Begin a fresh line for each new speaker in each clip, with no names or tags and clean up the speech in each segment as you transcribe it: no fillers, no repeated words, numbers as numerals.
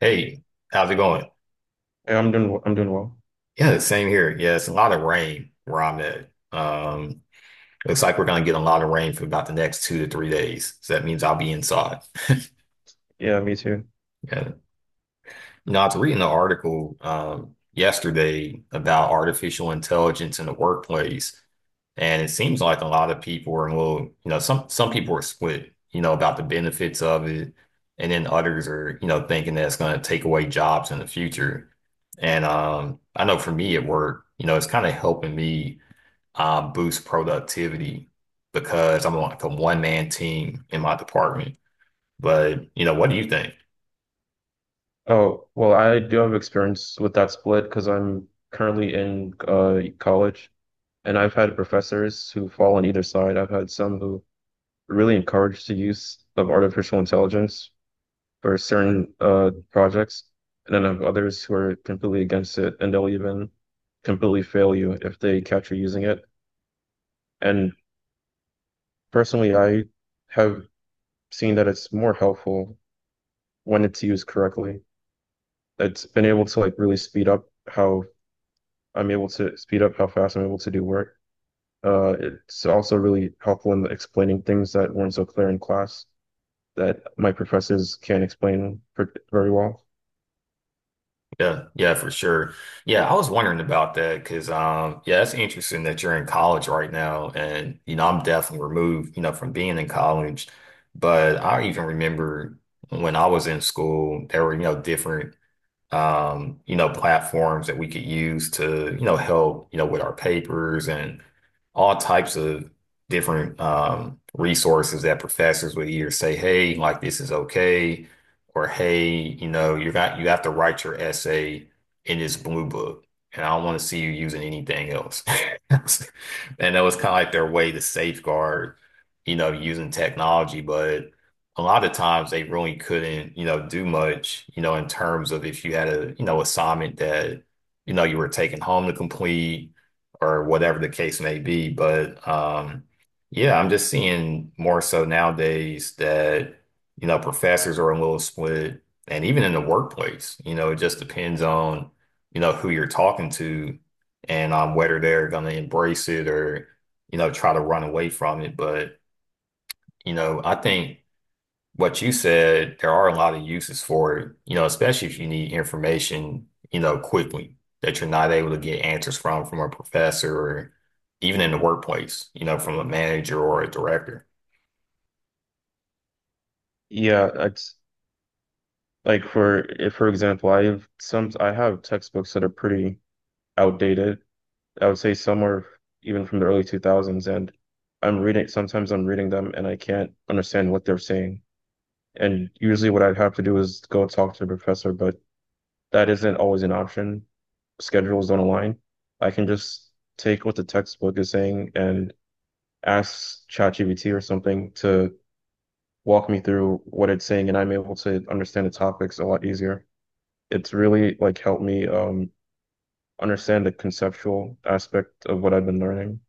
Hey, how's it going?
Yeah, I'm doing well.
Yeah, the same here. Yeah, it's a lot of rain where I'm at. Looks like we're gonna get a lot of rain for about the next 2 to 3 days. So that means I'll be inside.
Yeah, me too.
Yeah. No, I was reading an article yesterday about artificial intelligence in the workplace, and it seems like a lot of people are a little, you know, some people are split, you know, about the benefits of it, and then others are, you know, thinking that it's going to take away jobs in the future. And I know for me at work, you know, it's kind of helping me boost productivity because I'm like a one man team in my department. But you know, what do you think?
Oh, well, I do have experience with that split because I'm currently in college, and I've had professors who fall on either side. I've had some who really encourage the use of artificial intelligence for certain projects, and then I have others who are completely against it, and they'll even completely fail you if they catch you using it. And personally, I have seen that it's more helpful when it's used correctly. It's been able to like really speed up how I'm able to speed up how fast I'm able to do work. It's also really helpful in explaining things that weren't so clear in class that my professors can't explain per very well.
Yeah, yeah, for sure. Yeah, I was wondering about that because, yeah, it's interesting that you're in college right now, and you know, I'm definitely removed, you know, from being in college. But I even remember when I was in school, there were, you know, different you know, platforms that we could use to, you know, help, you know, with our papers and all types of different resources that professors would either say, hey, like this is okay, or hey, you know, you have to write your essay in this blue book. And I don't want to see you using anything else. And that was kind of like their way to safeguard, you know, using technology. But a lot of times they really couldn't, you know, do much, you know, in terms of if you had a, you know, assignment that, you know, you were taking home to complete or whatever the case may be. But yeah, I'm just seeing more so nowadays that, you know, professors are a little split, and even in the workplace, you know, it just depends on, you know, who you're talking to and on whether they're going to embrace it or, you know, try to run away from it. But, you know, I think what you said, there are a lot of uses for it, you know, especially if you need information, you know, quickly that you're not able to get answers from a professor or even in the workplace, you know, from a manager or a director.
Yeah, it's like for if for example, I have textbooks that are pretty outdated. I would say some are even from the early 2000s, and I'm reading sometimes I'm reading them and I can't understand what they're saying. And usually what I'd have to do is go talk to the professor, but that isn't always an option. Schedules don't align. I can just take what the textbook is saying and ask ChatGPT or something to walk me through what it's saying, and I'm able to understand the topics a lot easier. It's really like helped me understand the conceptual aspect of what I've been learning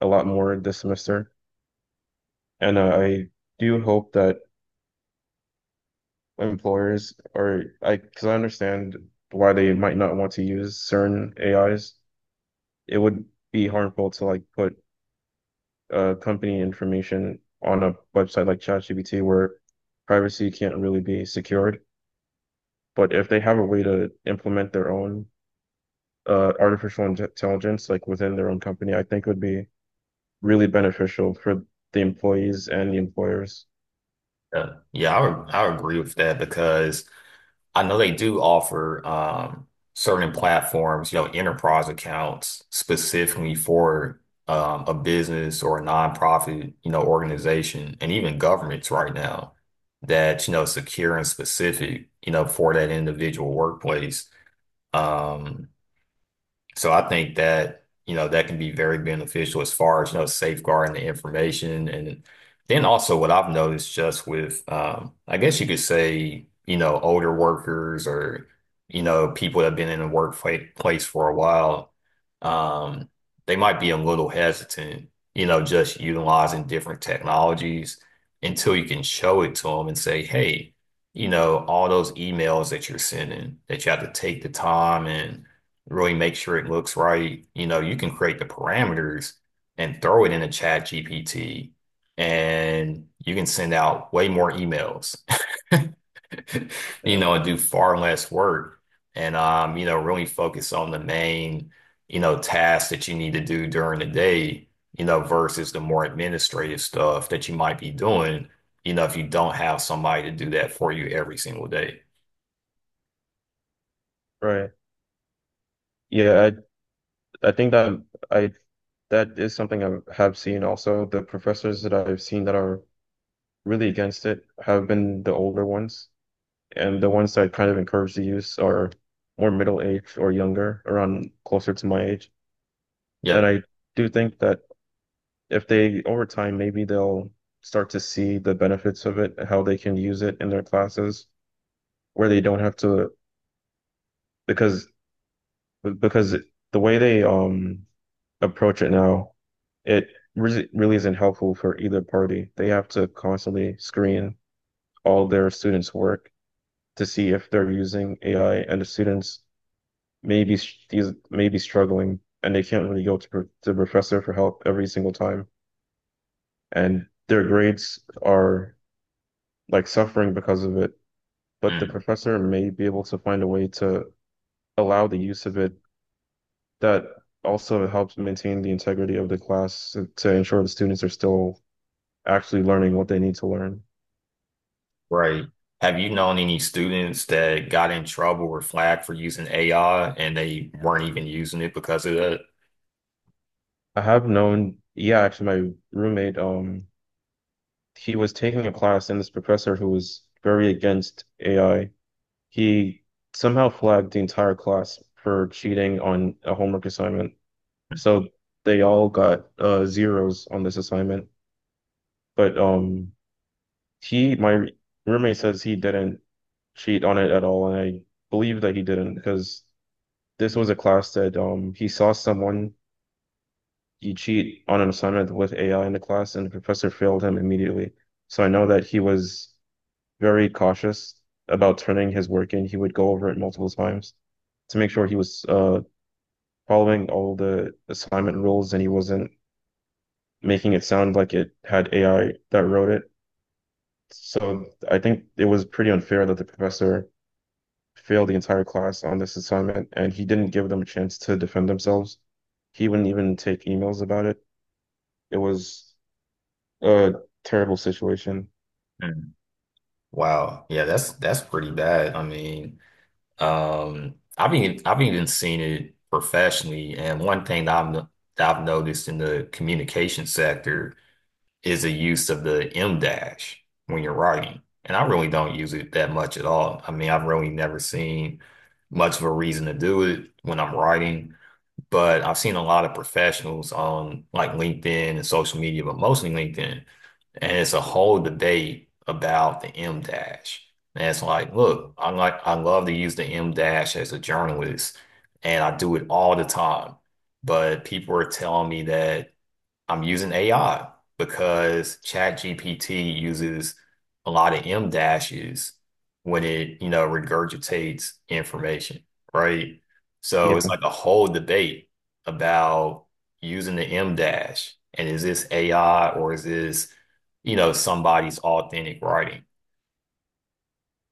a lot more this semester. And I do hope that because I understand why they might not want to use certain AIs. It would be harmful to like put company information on a website like ChatGPT where privacy can't really be secured. But if they have a way to implement their own artificial intelligence, like within their own company, I think it would be really beneficial for the employees and the employers.
Yeah, I would agree with that because I know they do offer certain platforms, you know, enterprise accounts specifically for a business or a nonprofit, you know, organization and even governments right now that, you know, secure and specific, you know, for that individual workplace. Um, so I think that, you know, that can be very beneficial as far as, you know, safeguarding the information. And then also what I've noticed just with, I guess you could say, you know, older workers or, you know, people that have been in the workplace for a while, um, they might be a little hesitant, you know, just utilizing different technologies until you can show it to them and say, hey, you know, all those emails that you're sending, that you have to take the time and really make sure it looks right. You know, you can create the parameters and throw it in a chat GPT, and you can send out way more emails, you
Yeah,
know, and do far less work and you know, really focus on the main, you know, tasks that you need to do during the day, you know, versus the more administrative stuff that you might be doing, you know, if you don't have somebody to do that for you every single day.
right. Yeah, I think I that is something I have seen also. The professors that I've seen that are really against it have been the older ones. And the ones that kind of encourage the use are more middle aged or younger, around closer to my age. And
Yep.
I do think that if they, over time, maybe they'll start to see the benefits of it, how they can use it in their classes, where they don't have to, because because the way they approach it now, it really isn't helpful for either party. They have to constantly screen all their students' work to see if they're using AI, and the students these may be struggling and they can't really go to professor for help every single time and their grades are like suffering because of it, but the
Mm.
professor may be able to find a way to allow the use of it that also helps maintain the integrity of the class to ensure the students are still actually learning what they need to learn.
Right. Have you known any students that got in trouble or flagged for using AI and they weren't even using it because of that?
I have known, yeah, actually my roommate, he was taking a class and this professor who was very against AI. He somehow flagged the entire class for cheating on a homework assignment. So they all got zeros on this assignment. But my roommate says he didn't cheat on it at all, and I believe that he didn't because this was a class that he saw someone you cheat on an assignment with AI in the class, and the professor failed him immediately. So I know that he was very cautious about turning his work in. He would go over it multiple times to make sure he was following all the assignment rules and he wasn't making it sound like it had AI that wrote it. So I think it was pretty unfair that the professor failed the entire class on this assignment and he didn't give them a chance to defend themselves. He wouldn't even take emails about it. It was a terrible situation.
Mm. Wow. Yeah, that's pretty bad. I mean, I've even seen it professionally, and one thing that I've no- that I've noticed in the communication sector is the use of the M dash when you're writing. And I really don't use it that much at all. I mean, I've really never seen much of a reason to do it when I'm writing, but I've seen a lot of professionals on like LinkedIn and social media, but mostly LinkedIn. And it's a whole debate about the M dash. And it's like, look, I love to use the M dash as a journalist, and I do it all the time. But people are telling me that I'm using AI because ChatGPT uses a lot of M dashes when it, you know, regurgitates information, right? So it's
Yeah.
like a whole debate about using the M dash, and is this AI or is this, you know, somebody's authentic writing?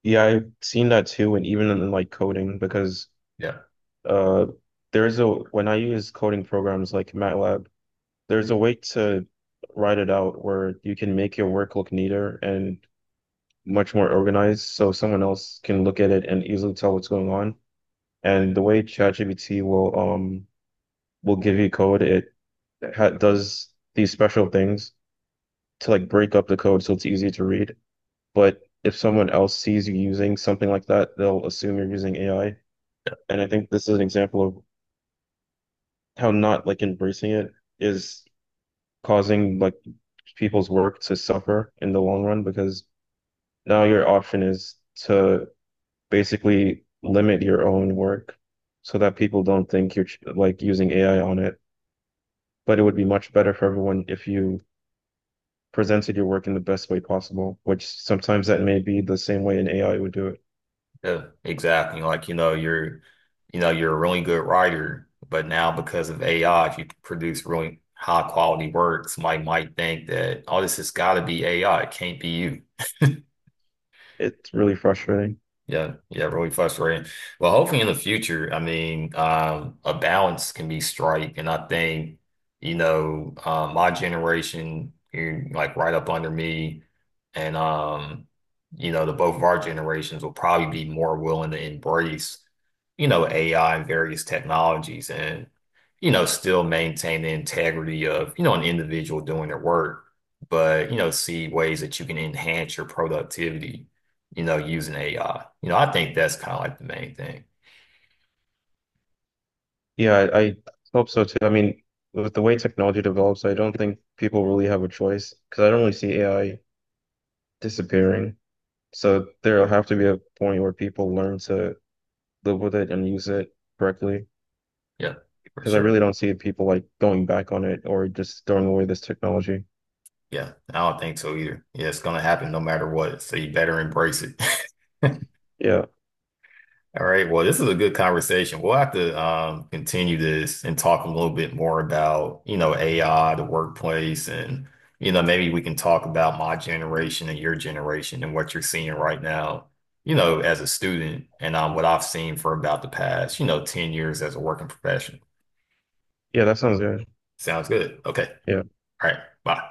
Yeah, I've seen that too, and even in like coding, because
Yeah.
uh there's a when I use coding programs like MATLAB, there's a way to write it out where you can make your work look neater and much more organized so someone else can look at it and easily tell what's going on. And the way ChatGPT will will give you code, it ha does these special things to like break up the code so it's easy to read. But if someone else sees you using something like that, they'll assume you're using AI. And I think this is an example of how not like embracing it is causing like people's work to suffer in the long run because now your option is to basically limit your own work so that people don't think you're like using AI on it. But it would be much better for everyone if you presented your work in the best way possible, which sometimes that may be the same way an AI would do it.
Yeah, exactly. You know, you're a really good writer, but now because of AI, if you produce really high quality work, somebody might think that, oh, this has got to be AI. It can't be you.
It's really frustrating.
Yeah, yeah, really frustrating. Well, hopefully in the future, I mean, a balance can be strike, and I think, you know, my generation, you're like right up under me, and you know, the both of our generations will probably be more willing to embrace, you know, AI and various technologies, and you know, still maintain the integrity of, you know, an individual doing their work, but you know, see ways that you can enhance your productivity you know, using AI. You know, I think that's kind of like the main thing.
Yeah, I hope so too. I mean, with the way technology develops, I don't think people really have a choice because I don't really see AI disappearing. So there'll have to be a point where people learn to live with it and use it correctly.
Yeah, for
Because I
sure.
really don't see people like going back on it or just throwing away this technology.
Yeah, I don't think so either. Yeah, it's gonna happen no matter what. So you better embrace it.
Yeah.
All right. Well, this is a good conversation. We'll have to continue this and talk a little bit more about, you know, AI, the workplace, and, you know, maybe we can talk about my generation and your generation and what you're seeing right now, you know, as a student and what I've seen for about the past, you know, 10 years as a working professional.
Yeah, that sounds good.
Sounds good. Okay.
Yeah.
All right. Bye.